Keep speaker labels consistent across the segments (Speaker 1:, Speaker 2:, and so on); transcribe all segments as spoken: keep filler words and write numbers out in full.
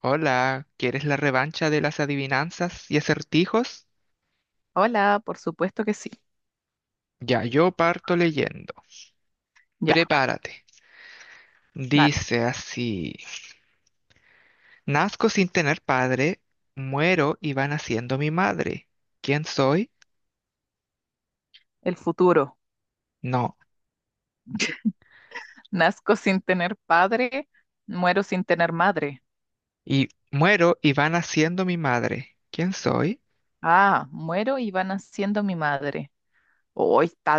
Speaker 1: Hola, ¿quieres la revancha de las adivinanzas y acertijos?
Speaker 2: Hola, por supuesto que sí.
Speaker 1: Ya yo parto leyendo.
Speaker 2: Ya,
Speaker 1: Prepárate.
Speaker 2: dale.
Speaker 1: Dice así. Nazco sin tener padre, muero y va naciendo mi madre. ¿Quién soy?
Speaker 2: El futuro.
Speaker 1: No.
Speaker 2: Nazco sin tener padre, muero sin tener madre.
Speaker 1: Y muero y va naciendo mi madre. ¿Quién soy?
Speaker 2: Ah, muero y va naciendo mi madre. Hoy está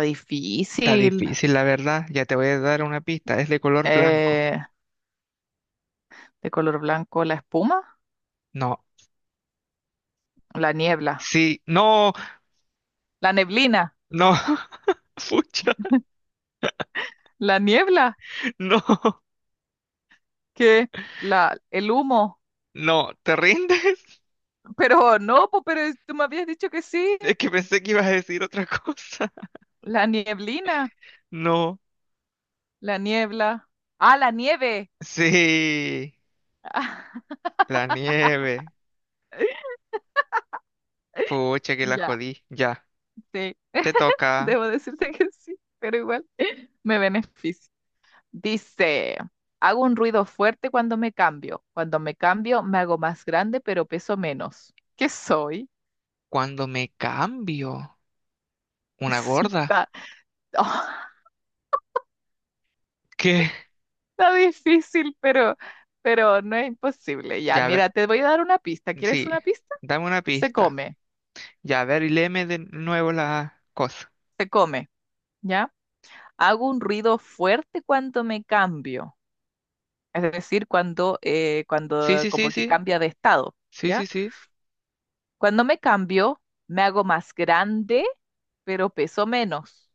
Speaker 1: Está
Speaker 2: difícil.
Speaker 1: difícil, la verdad. Ya te voy a dar una pista. Es de color blanco.
Speaker 2: Eh, de color blanco la espuma,
Speaker 1: No.
Speaker 2: la niebla,
Speaker 1: Sí. No.
Speaker 2: la neblina,
Speaker 1: No. Pucha.
Speaker 2: la niebla,
Speaker 1: No.
Speaker 2: que la, el humo.
Speaker 1: No. ¿Te rindes?
Speaker 2: Pero no, po, pero es- tú me habías dicho que sí.
Speaker 1: Es que pensé que ibas a decir otra cosa.
Speaker 2: La nieblina,
Speaker 1: No.
Speaker 2: la niebla. Ah, la nieve.
Speaker 1: Sí, la nieve. Pucha, que la
Speaker 2: Ya,
Speaker 1: jodí. Ya,
Speaker 2: sí.
Speaker 1: te toca.
Speaker 2: Debo decirte que sí, pero igual me beneficia. Dice, hago un ruido fuerte cuando me cambio. Cuando me cambio, me hago más grande, pero peso menos. ¿Qué soy?
Speaker 1: Cuando me cambio, una
Speaker 2: Sí,
Speaker 1: gorda.
Speaker 2: está, oh,
Speaker 1: ¿Qué?
Speaker 2: está difícil, pero, pero no es imposible. Ya,
Speaker 1: Ya, a ver,
Speaker 2: mira, te voy a dar una pista. ¿Quieres
Speaker 1: sí,
Speaker 2: una pista?
Speaker 1: dame una
Speaker 2: Se
Speaker 1: pista.
Speaker 2: come,
Speaker 1: Ya, a ver, y léeme de nuevo la cosa.
Speaker 2: se come, ¿ya? Hago un ruido fuerte cuando me cambio. Es decir, cuando, eh,
Speaker 1: Sí,
Speaker 2: cuando
Speaker 1: sí, sí,
Speaker 2: como que
Speaker 1: sí.
Speaker 2: cambia de estado,
Speaker 1: Sí, sí,
Speaker 2: ¿ya?
Speaker 1: sí.
Speaker 2: Cuando me cambio, me hago más grande, pero peso menos.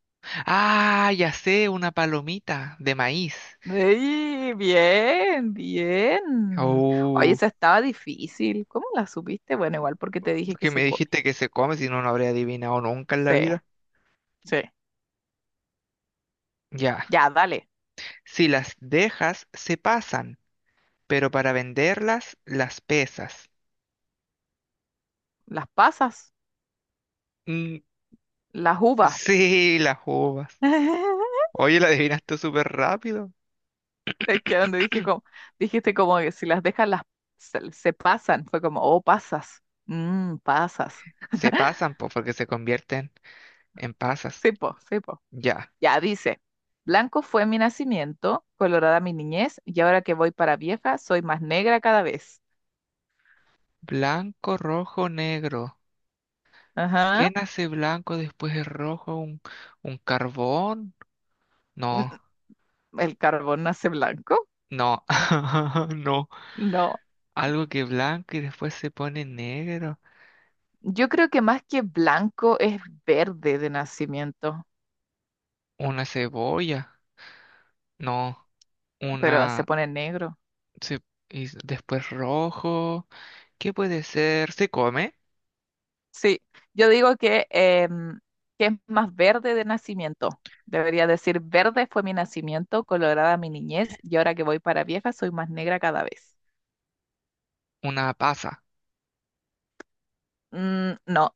Speaker 1: Ah, ya sé, una palomita de maíz.
Speaker 2: ¡Ey! Bien, bien. Oye,
Speaker 1: Oh,
Speaker 2: esa estaba difícil. ¿Cómo la supiste? Bueno, igual porque te dije que
Speaker 1: que
Speaker 2: se
Speaker 1: me
Speaker 2: come.
Speaker 1: dijiste que se come, si no, no habría adivinado nunca en la
Speaker 2: Sí,
Speaker 1: vida.
Speaker 2: sí.
Speaker 1: Ya.
Speaker 2: Ya, dale.
Speaker 1: Si las dejas, se pasan, pero para venderlas, las pesas.
Speaker 2: Las pasas,
Speaker 1: Mm,
Speaker 2: las uvas.
Speaker 1: sí, las uvas. Oye, la adivinaste súper rápido.
Speaker 2: Es que donde dije como, dijiste como que si las dejas las se, se pasan. Fue como, oh, pasas. Mmm, pasas.
Speaker 1: Se pasan, pues, porque se convierten en pasas.
Speaker 2: Sí, po, sí, po.
Speaker 1: Ya.
Speaker 2: Ya dice, blanco fue mi nacimiento, colorada mi niñez, y ahora que voy para vieja, soy más negra cada vez.
Speaker 1: Blanco, rojo, negro.
Speaker 2: Ajá.
Speaker 1: ¿Qué nace blanco, después es rojo? ¿Un, un carbón?
Speaker 2: Mm,
Speaker 1: No,
Speaker 2: mm, ¿El carbón nace blanco?
Speaker 1: no, no.
Speaker 2: No.
Speaker 1: Algo que es blanco y después se pone negro.
Speaker 2: Yo creo que más que blanco es verde de nacimiento,
Speaker 1: Una cebolla. No,
Speaker 2: pero se
Speaker 1: una...
Speaker 2: pone negro.
Speaker 1: Sí, y s- después rojo. ¿Qué puede ser? Se come
Speaker 2: Sí, yo digo que, em, que es más verde de nacimiento. Debería decir, verde fue mi nacimiento, colorada mi niñez, y ahora que voy para vieja, soy más negra cada vez.
Speaker 1: una pasa,
Speaker 2: Mm, no,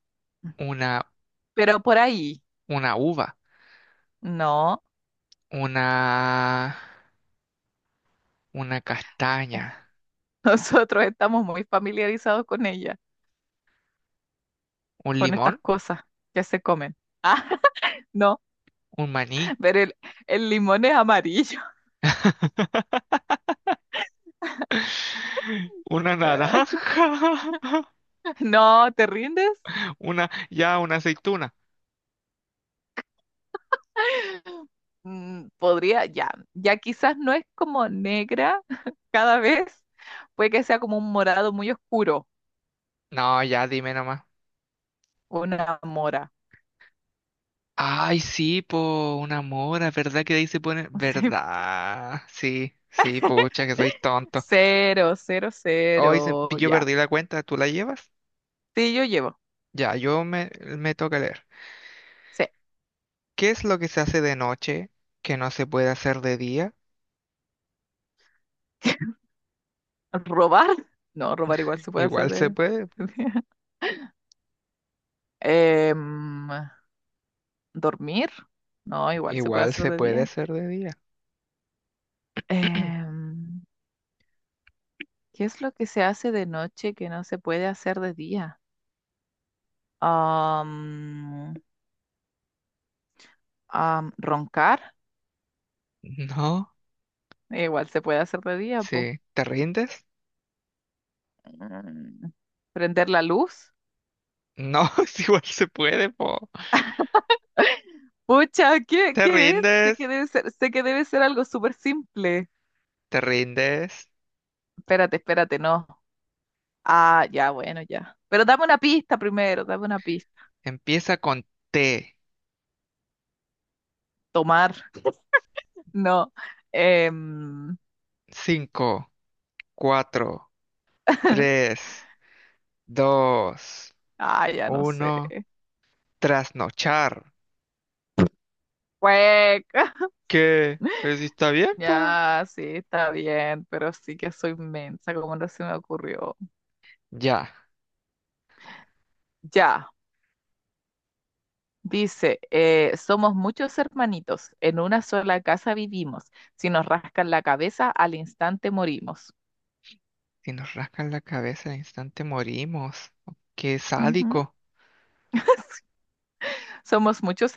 Speaker 1: una,
Speaker 2: pero por ahí.
Speaker 1: una uva,
Speaker 2: No,
Speaker 1: una, una castaña,
Speaker 2: nosotros estamos muy familiarizados con ella,
Speaker 1: un
Speaker 2: con estas
Speaker 1: limón,
Speaker 2: cosas que se comen. Ah, no,
Speaker 1: un maní,
Speaker 2: pero el, el limón es amarillo.
Speaker 1: una naranja,
Speaker 2: No, ¿te rindes?
Speaker 1: una, ya, una aceituna.
Speaker 2: Mm, podría, ya, ya quizás no es como negra cada vez, puede que sea como un morado muy oscuro,
Speaker 1: No, ya, dime nomás.
Speaker 2: una mora.
Speaker 1: Ay, sí, po, una mora, ¿verdad que de ahí se pone? ¿Verdad? Sí, sí, pucha, que soy tonto.
Speaker 2: Cero, cero,
Speaker 1: Hoy se-
Speaker 2: cero,
Speaker 1: yo
Speaker 2: ya.
Speaker 1: perdí la cuenta, ¿tú la llevas?
Speaker 2: Sí, yo llevo.
Speaker 1: Ya, yo me, me toca leer.
Speaker 2: Sí.
Speaker 1: ¿Qué es lo que se hace de noche que no se puede hacer de día?
Speaker 2: ¿Robar? No, robar igual se puede hacer
Speaker 1: Igual se
Speaker 2: de...
Speaker 1: puede,
Speaker 2: Em, ¿Dormir? No, igual se puede
Speaker 1: igual
Speaker 2: hacer
Speaker 1: se
Speaker 2: de
Speaker 1: puede
Speaker 2: día.
Speaker 1: hacer de día.
Speaker 2: Em, ¿qué es lo que se hace de noche que no se puede hacer de día? Am, am, ¿roncar?
Speaker 1: No,
Speaker 2: Igual se puede hacer de día, po.
Speaker 1: sí. ¿Te rindes?
Speaker 2: Mm, ¿prender la luz?
Speaker 1: No, es igual se puede, po.
Speaker 2: Pucha, ¿qué,
Speaker 1: ¿Te
Speaker 2: qué es? Sé que
Speaker 1: rindes?
Speaker 2: debe ser, sé que debe ser algo súper simple.
Speaker 1: ¿Te rindes?
Speaker 2: Espérate, espérate, no. Ah, ya, bueno, ya. Pero dame una pista primero, dame una pista.
Speaker 1: Empieza con T.
Speaker 2: Tomar, no. Em,
Speaker 1: Cinco, cuatro, tres, dos,
Speaker 2: ah, ya no sé.
Speaker 1: uno. Trasnochar.
Speaker 2: Cueca.
Speaker 1: ¿Qué? Pues sí está bien, po.
Speaker 2: Ya, sí, está bien, pero sí que soy mensa, como no se me ocurrió.
Speaker 1: Ya.
Speaker 2: Ya, dice, eh, somos muchos hermanitos, en una sola casa vivimos, si nos rascan la cabeza, al instante morimos.
Speaker 1: Si nos rascan la cabeza al instante morimos. Qué
Speaker 2: Ujú.
Speaker 1: sádico.
Speaker 2: Somos muchos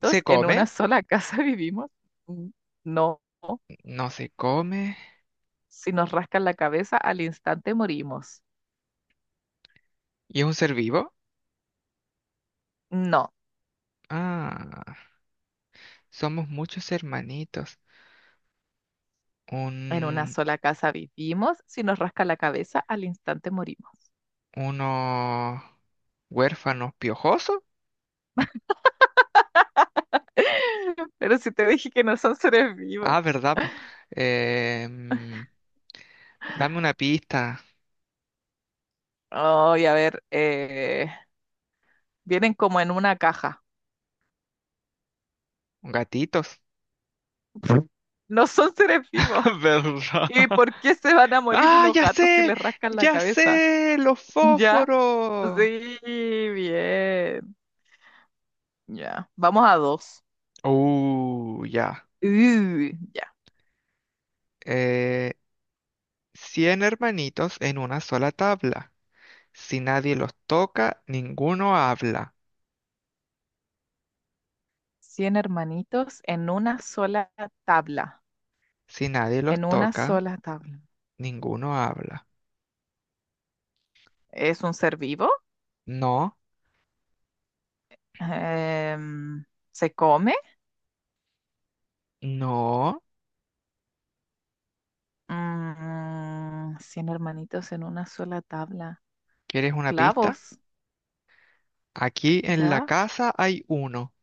Speaker 1: ¿Se
Speaker 2: en
Speaker 1: come?
Speaker 2: una sola casa vivimos. Mm, no,
Speaker 1: No se come.
Speaker 2: si nos rascan la cabeza, al instante morimos.
Speaker 1: ¿Y es un ser vivo?
Speaker 2: No,
Speaker 1: Ah, somos muchos hermanitos.
Speaker 2: en una
Speaker 1: Un,
Speaker 2: sola casa vivimos, si nos rascan la cabeza, al instante morimos.
Speaker 1: uno huérfano piojoso.
Speaker 2: Pero si te dije que no son seres vivos.
Speaker 1: Ah, verdad, po. Em, dame una pista.
Speaker 2: Ay, a ver, eh, vienen como en una caja.
Speaker 1: Gatitos.
Speaker 2: No son seres vivos. ¿Y
Speaker 1: ¿Verdad?
Speaker 2: por qué se van a morir
Speaker 1: Ah,
Speaker 2: unos
Speaker 1: ya
Speaker 2: gatos si
Speaker 1: sé,
Speaker 2: les rascan la
Speaker 1: ya
Speaker 2: cabeza?
Speaker 1: sé, los
Speaker 2: Ya,
Speaker 1: fósforos.
Speaker 2: sí, bien. Ya, vamos a dos.
Speaker 1: Uh, ya.
Speaker 2: Uh, ya.
Speaker 1: Eh, Cien hermanitos en una sola tabla. Si nadie los toca, ninguno habla.
Speaker 2: Cien hermanitos en una sola tabla.
Speaker 1: Si nadie los
Speaker 2: En una
Speaker 1: toca,
Speaker 2: sola tabla.
Speaker 1: ninguno habla.
Speaker 2: ¿Es un ser vivo?
Speaker 1: No,
Speaker 2: Em, ¿se come?
Speaker 1: no.
Speaker 2: Mm, cien hermanitos en una sola tabla.
Speaker 1: ¿Quieres una pista?
Speaker 2: Clavos,
Speaker 1: Aquí en la
Speaker 2: ¿ya?
Speaker 1: casa hay uno.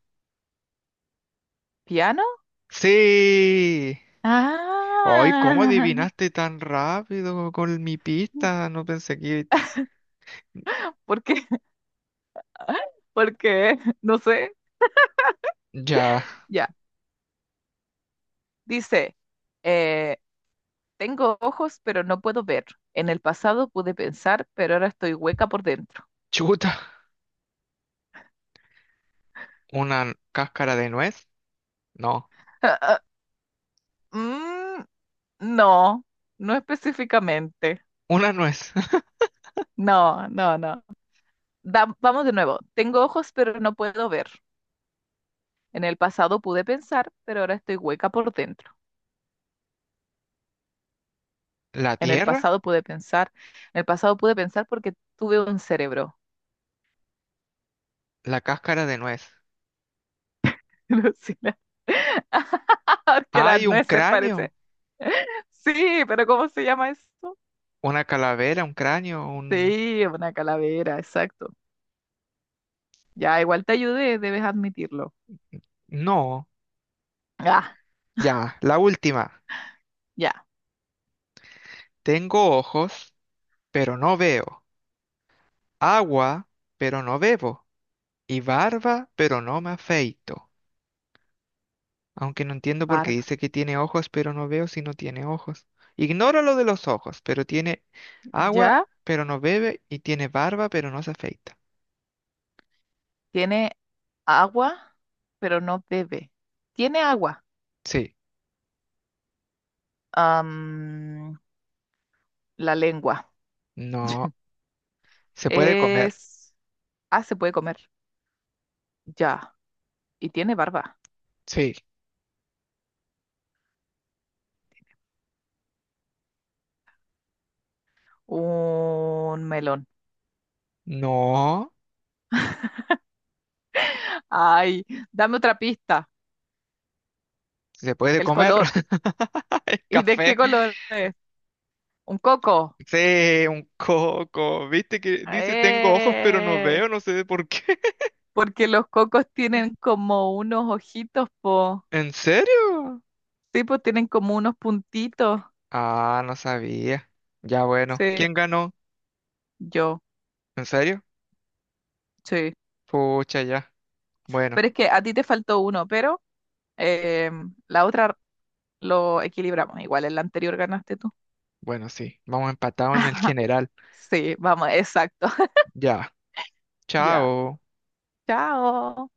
Speaker 2: ¿Piano?
Speaker 1: ¡Sí! ¡Ay, cómo
Speaker 2: Ah,
Speaker 1: adivinaste tan rápido con mi pista! No pensé que...
Speaker 2: ¿por qué? Porque, no sé,
Speaker 1: Ya.
Speaker 2: ya. Dice, eh, tengo ojos, pero no puedo ver. En el pasado pude pensar, pero ahora estoy hueca por dentro.
Speaker 1: Chuta. ¿Una cáscara de nuez? No.
Speaker 2: Ah, ah, mm, no, no específicamente.
Speaker 1: Una nuez.
Speaker 2: No, no, no. Da- vamos de nuevo. Tengo ojos, pero no puedo ver. En el pasado pude pensar, pero ahora estoy hueca por dentro.
Speaker 1: ¿La
Speaker 2: En el
Speaker 1: tierra?
Speaker 2: pasado pude pensar, en el pasado pude pensar porque tuve un cerebro.
Speaker 1: La cáscara de nuez.
Speaker 2: Lucila. Porque las
Speaker 1: ¡Hay un
Speaker 2: nueces
Speaker 1: cráneo!
Speaker 2: parece. Sí, pero ¿cómo se llama eso?
Speaker 1: Una calavera, un cráneo, un...
Speaker 2: Sí, una calavera, exacto. Ya, igual te ayudé, debes admitirlo.
Speaker 1: No,
Speaker 2: Ah,
Speaker 1: ya, la última.
Speaker 2: ya,
Speaker 1: Tengo ojos, pero no veo. Agua, pero no bebo. Y barba, pero no me afeito. Aunque no entiendo por qué
Speaker 2: barba.
Speaker 1: dice que tiene ojos, pero no veo si no tiene ojos. Ignora lo de los ojos, pero tiene agua,
Speaker 2: Ya,
Speaker 1: pero no bebe. Y tiene barba, pero no se afeita.
Speaker 2: tiene agua, pero no bebe. Tiene agua.
Speaker 1: Sí,
Speaker 2: Am, la lengua.
Speaker 1: no. Se puede comer.
Speaker 2: Es... Ah, se puede comer. Ya. Y tiene barba.
Speaker 1: Sí,
Speaker 2: Un melón.
Speaker 1: no.
Speaker 2: Ay, dame otra pista.
Speaker 1: Se puede
Speaker 2: El
Speaker 1: comer.
Speaker 2: color.
Speaker 1: El
Speaker 2: ¿Y de qué
Speaker 1: café.
Speaker 2: color es? Un coco.
Speaker 1: Sí, un coco. ¿Viste que dice tengo ojos pero no
Speaker 2: Eh,
Speaker 1: veo? No sé por qué.
Speaker 2: porque los cocos tienen como unos ojitos, po.
Speaker 1: ¿En serio?
Speaker 2: Sí, pues tienen como unos puntitos.
Speaker 1: Ah, no sabía. Ya bueno.
Speaker 2: Sí,
Speaker 1: ¿Quién ganó?
Speaker 2: yo,
Speaker 1: ¿En serio?
Speaker 2: sí.
Speaker 1: Pucha, ya. Bueno,
Speaker 2: Pero es que a ti te faltó uno, pero em, la otra lo equilibramos. Igual en la anterior ganaste tú.
Speaker 1: bueno, sí. Vamos empatados en el general.
Speaker 2: Sí, vamos, exacto.
Speaker 1: Ya.
Speaker 2: Ya.
Speaker 1: Chao.
Speaker 2: Chao.